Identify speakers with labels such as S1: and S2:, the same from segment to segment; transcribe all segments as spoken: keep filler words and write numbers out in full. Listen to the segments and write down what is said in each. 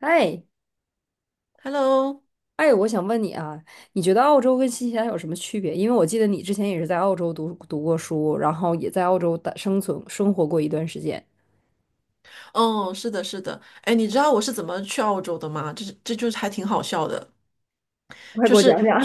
S1: 哎
S2: Hello，
S1: 哎，我想问你啊，你觉得澳洲跟新西兰有什么区别？因为我记得你之前也是在澳洲读读过书，然后也在澳洲的生存生活过一段时间。
S2: 哦，是的，是的，哎，你知道我是怎么去澳洲的吗？这这就是还挺好笑的。
S1: 快
S2: 就
S1: 给我
S2: 是
S1: 讲讲。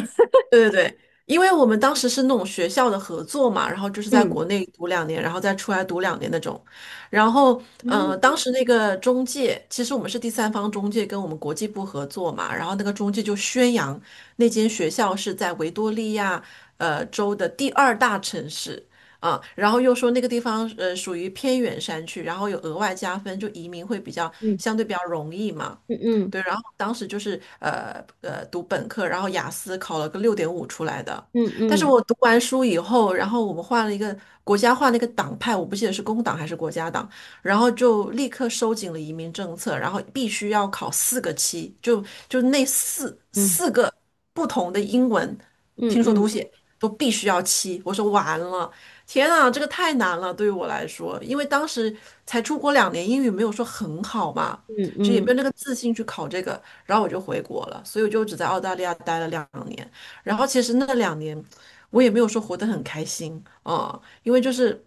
S2: 对对对，因为我们当时是那种学校的合作嘛，然后就是在
S1: 嗯。
S2: 国内读两年，然后再出来读两年那种。然后，呃，
S1: 嗯。
S2: 当时那个中介，其实我们是第三方中介跟我们国际部合作嘛，然后那个中介就宣扬那间学校是在维多利亚呃州的第二大城市。啊，然后又说那个地方呃属于偏远山区，然后有额外加分，就移民会比较
S1: 嗯。
S2: 相对比较容易嘛。
S1: 嗯。嗯。
S2: 对，然后当时就是呃呃读本科，然后雅思考了个六点五出来的。
S1: 嗯。
S2: 但是
S1: 嗯。
S2: 我读完书以后，然后我们换了一个国家换了一个党派，我不记得是工党还是国家党，然后就立刻收紧了移民政策，然后必须要考四个七，就就那四
S1: 嗯。
S2: 四个不同的英文
S1: 嗯。
S2: 听说读
S1: 嗯。
S2: 写都必须要七。我说完了，天啊，这个太难了，对于我来说，因为当时才出国两年，英语没有说很好嘛。
S1: 嗯。
S2: 就也没
S1: 嗯。
S2: 有那个自信去考这个，然后我就回国了，所以我就只在澳大利亚待了两年。然后其实那两年我也没有说活得很开心，啊，嗯因为就是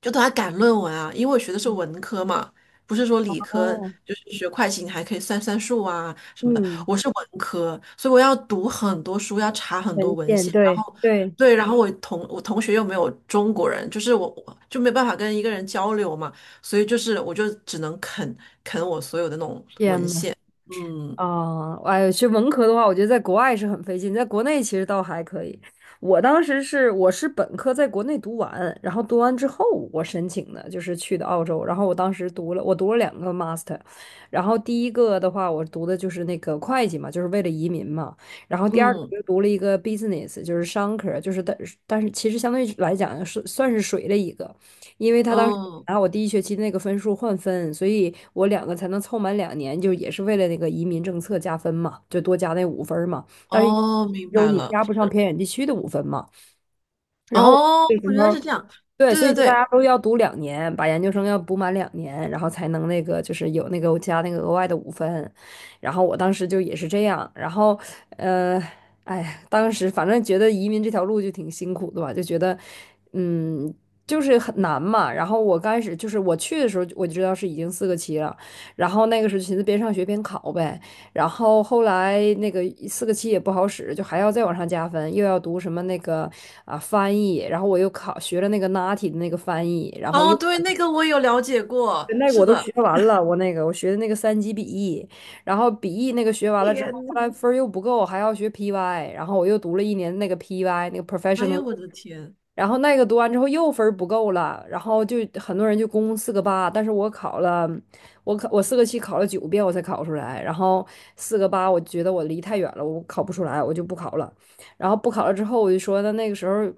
S2: 就都在赶论文啊，因为我学的是文科嘛，不是说理科，
S1: 哦。
S2: 就是学会计你还可以算算数啊什么的，
S1: 嗯。
S2: 我是文科，所以我要读很多书，要查很多
S1: 文
S2: 文
S1: 献。
S2: 献。
S1: 对对。
S2: 对，然后我同我同学又没有中国人，就是我我就没办法跟一个人交流嘛，所以就是我就只能啃啃我所有的那种
S1: 天
S2: 文
S1: 呐。
S2: 献，嗯
S1: 啊，哎呦，学文科的话，我觉得在国外是很费劲，在国内其实倒还可以。我当时是我是本科在国内读完，然后读完之后我申请的，就是去的澳洲。然后我当时读了，我读了两个 master，然后第一个的话，我读的就是那个会计嘛，就是为了移民嘛。然后第二个我
S2: 嗯
S1: 就读了一个 business，就是商科，就是但但是其实相对来讲是算是水了一个。因为他当时
S2: 嗯，
S1: 拿我第一学期那个分数换分，所以我两个才能凑满两年，就也是为了那个移民政策加分嘛，就多加那五分儿嘛。但是
S2: 哦，明
S1: 有
S2: 白
S1: 你
S2: 了，
S1: 加不上偏远地区的五分嘛。然后我
S2: 哦，
S1: 那
S2: 原
S1: 时
S2: 来是
S1: 候。
S2: 这样，
S1: 对，
S2: 对
S1: 所以
S2: 对
S1: 就大
S2: 对，
S1: 家都要读两年，把研究生要补满两年，然后才能那个就是有那个加那个额外的五分。然后我当时就也是这样，然后呃，哎呀，当时反正觉得移民这条路就挺辛苦的吧，就觉得嗯就是很难嘛。然后我刚开始就是我去的时候我就知道是已经四个七了，然后那个时候就寻思边上学边考呗。然后后来那个四个七也不好使，就还要再往上加分，又要读什么那个啊翻译，然后我又考学了那个 N A T I 的那个翻译，然后
S2: 哦
S1: 又
S2: 对，那个我有了解过，
S1: 那个我
S2: 是
S1: 都
S2: 的，
S1: 学完了，我那个我学的那个三级笔译，然后笔译那个学完了之后，
S2: 天呐，
S1: 后来分儿又不够，还要学 P Y，然后我又读了一年那个 P Y 那个
S2: 哎呀，
S1: professional。
S2: 我的天，
S1: 然后那个读完之后又分儿不够了，然后就很多人就攻四个八，但是我考了，我考我四个七考了九遍我才考出来，然后四个八我觉得我离太远了，我考不出来，我就不考了。然后不考了之后，我就说那那个时候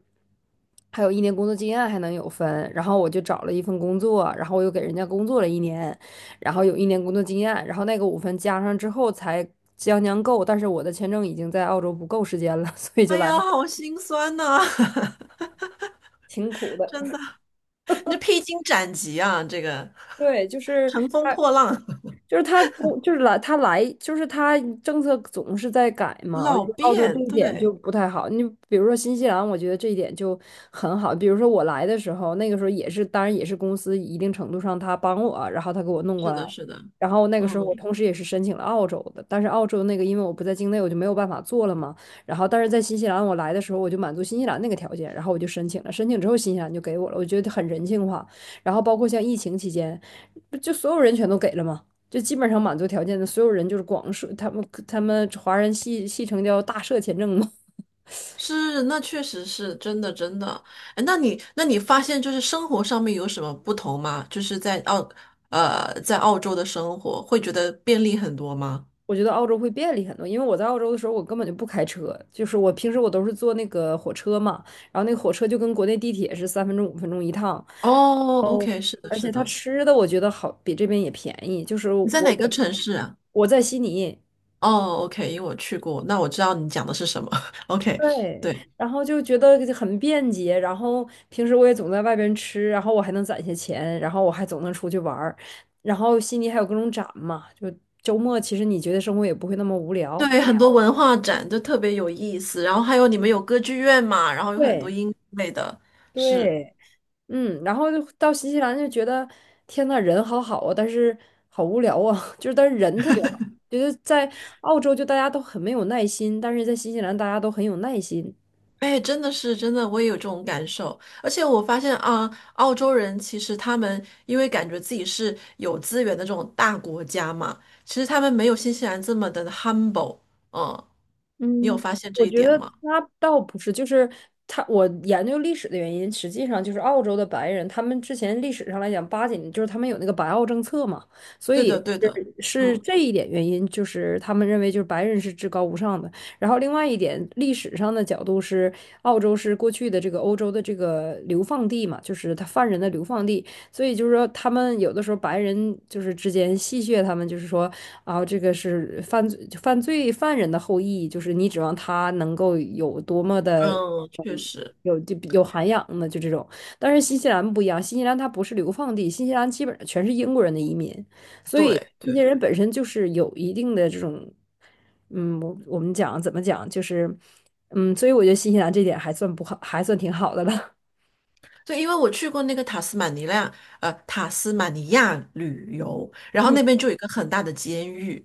S1: 还有一年工作经验还能有分，然后我就找了一份工作，然后我又给人家工作了一年，然后有一年工作经验，然后那个五分加上之后才将将够，但是我的签证已经在澳洲不够时间了，所以就
S2: 哎
S1: 来
S2: 呀，好心酸呐、
S1: 挺苦 的。
S2: 真的，你这披荆斩棘啊，这个
S1: 对，就 是
S2: 乘风
S1: 他，
S2: 破浪，
S1: 就是他不就是来他来就是他政策总是在改 嘛，我
S2: 老
S1: 觉得澳洲这
S2: 变，
S1: 一点就
S2: 对。
S1: 不太好。你比如说新西兰，我觉得这一点就很好。比如说我来的时候，那个时候也是，当然也是公司一定程度上他帮我，然后他给我弄过
S2: 是的，
S1: 来。
S2: 是的，
S1: 然后那个时候我
S2: 嗯，
S1: 同时也是申请了澳洲的，但是澳洲那个因为我不在境内，我就没有办法做了嘛。然后但是在新西兰我来的时候，我就满足新西兰那个条件，然后我就申请了，申请之后新西兰就给我了，我觉得很人性化。然后包括像疫情期间，不就所有人全都给了吗？就基本上满足条件的所有人就是广社，他们他们华人系系称叫大社签证嘛。
S2: 是，那确实是真的，真的。哎，那你，那你发现就是生活上面有什么不同吗？就是在澳，呃，在澳洲的生活会觉得便利很多吗？
S1: 我觉得澳洲会便利很多，因为我在澳洲的时候，我根本就不开车，就是我平时我都是坐那个火车嘛，然后那个火车就跟国内地铁是三分钟五分钟一趟，
S2: 哦，OK，是的，
S1: 而且
S2: 是
S1: 他
S2: 的。
S1: 吃的我觉得好，比这边也便宜，就是
S2: 你在
S1: 我
S2: 哪个
S1: 也
S2: 城市啊？
S1: 我在悉尼，
S2: 哦，OK，因为我去过，那我知道你讲的是什么。OK，
S1: 对，
S2: 对
S1: 然后就觉得很便捷，然后平时我也总在外边吃，然后我还能攒些钱，然后我还总能出去玩儿，然后悉尼还有各种展嘛，就周末其实你觉得生活也不会那么无聊。
S2: 对，很多文化展就特别有意思，然后还有你们有歌剧院嘛，然后有很多
S1: 对
S2: 音乐类的，是。
S1: 对。嗯。然后就到新西兰就觉得天呐，人好好啊，但是好无聊啊，就是但是人特别好，觉得在澳洲就大家都很没有耐心，但是在新西兰大家都很有耐心。
S2: 哎，真的是真的，我也有这种感受。而且我发现啊，澳洲人其实他们因为感觉自己是有资源的这种大国家嘛，其实他们没有新西兰这么的 humble。嗯，你有
S1: 嗯，
S2: 发现这
S1: 我
S2: 一
S1: 觉
S2: 点
S1: 得
S2: 吗？
S1: 他倒不是，就是他，我研究历史的原因，实际上就是澳洲的白人，他们之前历史上来讲，八几年就是他们有那个白澳政策嘛，所
S2: 对
S1: 以
S2: 的，对的。
S1: 是是
S2: 嗯
S1: 这一点原因，就是他们认为就是白人是至高无上的。然后另外一点，历史上的角度是，澳洲是过去的这个欧洲的这个流放地嘛，就是他犯人的流放地，所以就是说，他们有的时候白人就是之间戏谑他们，就是说啊，这个是犯罪犯罪犯人的后裔，就是你指望他能够有多么的
S2: 嗯，确实，
S1: 有就有涵养呢？就这种。但是新西兰不一样，新西兰它不是流放地，新西兰基本上全是英国人的移民，所以
S2: 对
S1: 那些
S2: 对
S1: 人本身就是有一定的这种。嗯，我我们讲怎么讲，就是嗯，所以我觉得新西兰这点还算不好，还算挺好的了。
S2: 对，因为我去过那个塔斯马尼亚，呃，塔斯马尼亚旅游，然后
S1: 嗯。
S2: 那边就有一个很大的监狱，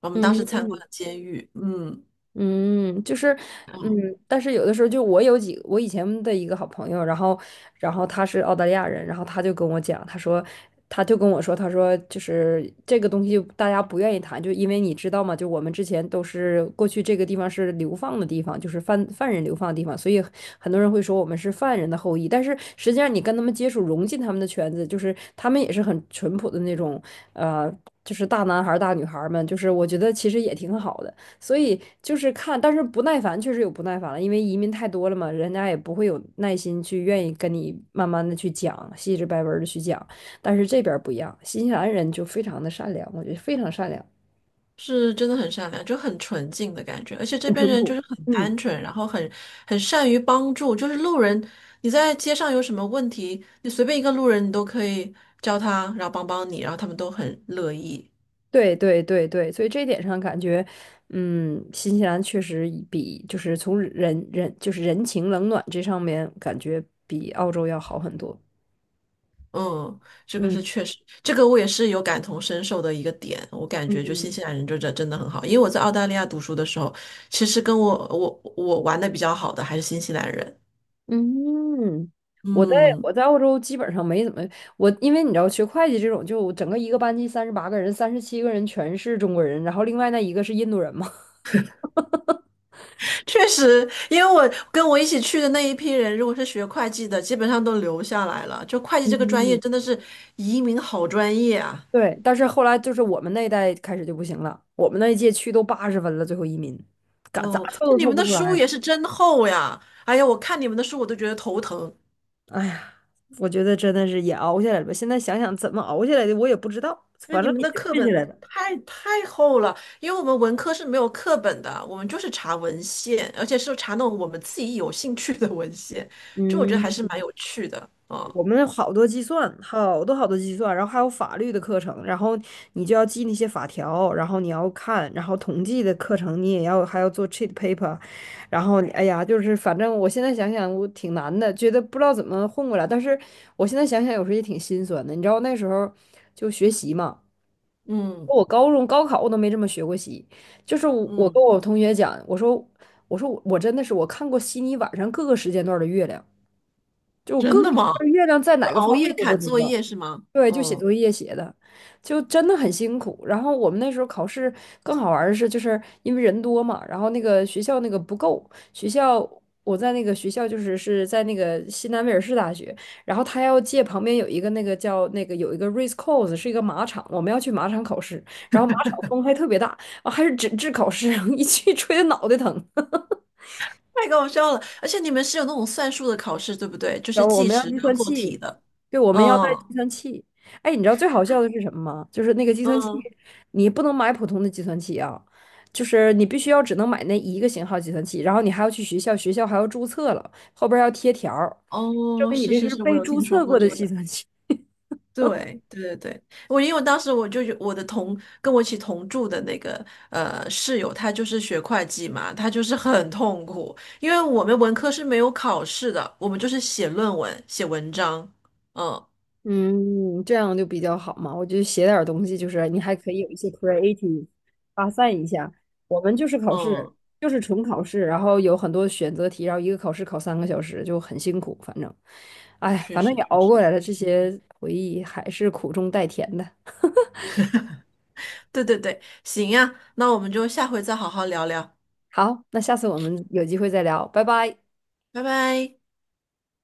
S2: 我们当时参观
S1: 嗯。
S2: 了监狱。嗯。
S1: 嗯，就是。嗯。但是有的时候就我有几，我以前的一个好朋友，然后，然后他是澳大利亚人，然后他就跟我讲，他说，他就跟我说，他说就是这个东西大家不愿意谈，就因为你知道吗？就我们之前都是过去这个地方是流放的地方，就是犯犯人流放的地方，所以很多人会说我们是犯人的后裔，但是实际上你跟他们接触，融进他们的圈子，就是他们也是很淳朴的那种，呃，就是大男孩儿大女孩儿们，就是我觉得其实也挺好的。所以就是看，但是不耐烦确实有不耐烦了，因为移民太多了嘛，人家也不会有耐心去愿意跟你慢慢的去讲，细致白文的去讲。但是这边儿不一样，新西兰人就非常的善良，我觉得非常善良。
S2: 是真的很善良，就很纯净的感觉，而且这
S1: 很
S2: 边
S1: 淳
S2: 人就
S1: 朴。
S2: 是很单
S1: 嗯。
S2: 纯，然后很很善于帮助，就是路人，你在街上有什么问题，你随便一个路人，你都可以叫他，然后帮帮你，然后他们都很乐意。
S1: 对对对对，所以这一点上感觉，嗯，新西兰确实以比就是从人人就是人情冷暖这上面感觉比澳洲要好很多。
S2: 嗯，这个
S1: 嗯。
S2: 是确实，这个我也是有感同身受的一个点，我感觉就新
S1: 嗯。
S2: 西兰人就真真的很好，因为我在澳大利亚读书的时候，其实跟我我我玩的比较好的还是新西兰人。
S1: 嗯，我在
S2: 嗯。
S1: 我在澳洲基本上没怎么。我，因为你知道学会计这种，就整个一个班级三十八个人，三十七个人全是中国人，然后另外那一个是印度人嘛。
S2: 确实，因为我跟我一起去的那一批人，如果是学会计的，基本上都留下来了。就会计这个专业，
S1: 嗯。
S2: 真的是移民好专业啊！
S1: 对，但是后来就是我们那一代开始就不行了，我们那一届去都八十分了，最后移民，咋咋
S2: 嗯，
S1: 凑
S2: 那
S1: 都
S2: 你
S1: 凑
S2: 们
S1: 不
S2: 的
S1: 出
S2: 书
S1: 来。
S2: 也是真厚呀！哎呀，我看你们的书我都觉得头疼，
S1: 哎呀，我觉得真的是也熬下来了吧，现在想想怎么熬下来的，我也不知道，
S2: 因为
S1: 反
S2: 你
S1: 正
S2: 们
S1: 也
S2: 的
S1: 就
S2: 课
S1: 混下
S2: 本
S1: 来了。
S2: 太太厚了。因为我们文科是没有课本的，我们就是查文献，而且是查那种我们自己有兴趣的文献，就我觉得还是
S1: 嗯。
S2: 蛮有趣的啊。
S1: 我们有好多计算，好多好多计算，然后还有法律的课程，然后你就要记那些法条，然后你要看，然后统计的课程你也要还要做 cheat paper，然后哎呀，就是反正我现在想想我挺难的，觉得不知道怎么混过来，但是我现在想想有时候也挺心酸的，你知道那时候就学习嘛，
S2: 嗯
S1: 我高中高考我都没这么学过习，就是我我跟
S2: 嗯，
S1: 我同学讲，我说我说我我真的是我看过悉尼晚上各个时间段的月亮，就我
S2: 真
S1: 各个
S2: 的
S1: 时间
S2: 吗？
S1: 段月亮在
S2: 就
S1: 哪个
S2: 熬
S1: 方位
S2: 夜
S1: 我都
S2: 赶
S1: 知
S2: 作
S1: 道。
S2: 业是吗？
S1: 对，就写
S2: 嗯。
S1: 作业写的，就真的很辛苦。然后我们那时候考试更好玩儿的是，就是因为人多嘛，然后那个学校那个不够，学校我在那个学校就是是在那个西南威尔士大学，然后他要借旁边有一个那个叫那个有一个 race course 是一个马场，我们要去马场考试，然后马场风还特别大啊，还是纸质考试，一去吹的脑袋疼。
S2: 太搞笑了！而且你们是有那种算术的考试，对不对？就
S1: 有，
S2: 是
S1: 我
S2: 计
S1: 们要
S2: 时
S1: 计
S2: 然后
S1: 算
S2: 做题
S1: 器，
S2: 的。
S1: 对，我们要带
S2: 嗯
S1: 计算器。哎，你知道最好笑的是什么吗？就是那个计算器，
S2: 嗯，
S1: 你不能买普通的计算器啊，就是你必须要只能买那一个型号计算器，然后你还要去学校，学校还要注册了，后边儿还要贴条儿，证
S2: 哦，
S1: 明你
S2: 是
S1: 这
S2: 是
S1: 是
S2: 是，我
S1: 被
S2: 有
S1: 注
S2: 听说
S1: 册
S2: 过
S1: 过的
S2: 这
S1: 计
S2: 个。
S1: 算器。
S2: 对对对对，我因为当时我就有我的同跟我一起同住的那个呃室友，他就是学会计嘛，他就是很痛苦，因为我们文科是没有考试的，我们就是写论文、写文章。嗯
S1: 嗯，这样就比较好嘛。我就写点儿东西，就是你还可以有一些 creative 发散一下。我们就是考试，
S2: 嗯，
S1: 就是纯考试，然后有很多选择题，然后一个考试考三个小时，就很辛苦。反正，哎，
S2: 确
S1: 反正
S2: 实
S1: 也
S2: 确
S1: 熬
S2: 实，
S1: 过来了，这些回忆还是苦中带甜的。
S2: 对对对，行呀，那我们就下回再好好聊聊，
S1: 好，那下次我们有机会再聊，拜拜。
S2: 拜拜。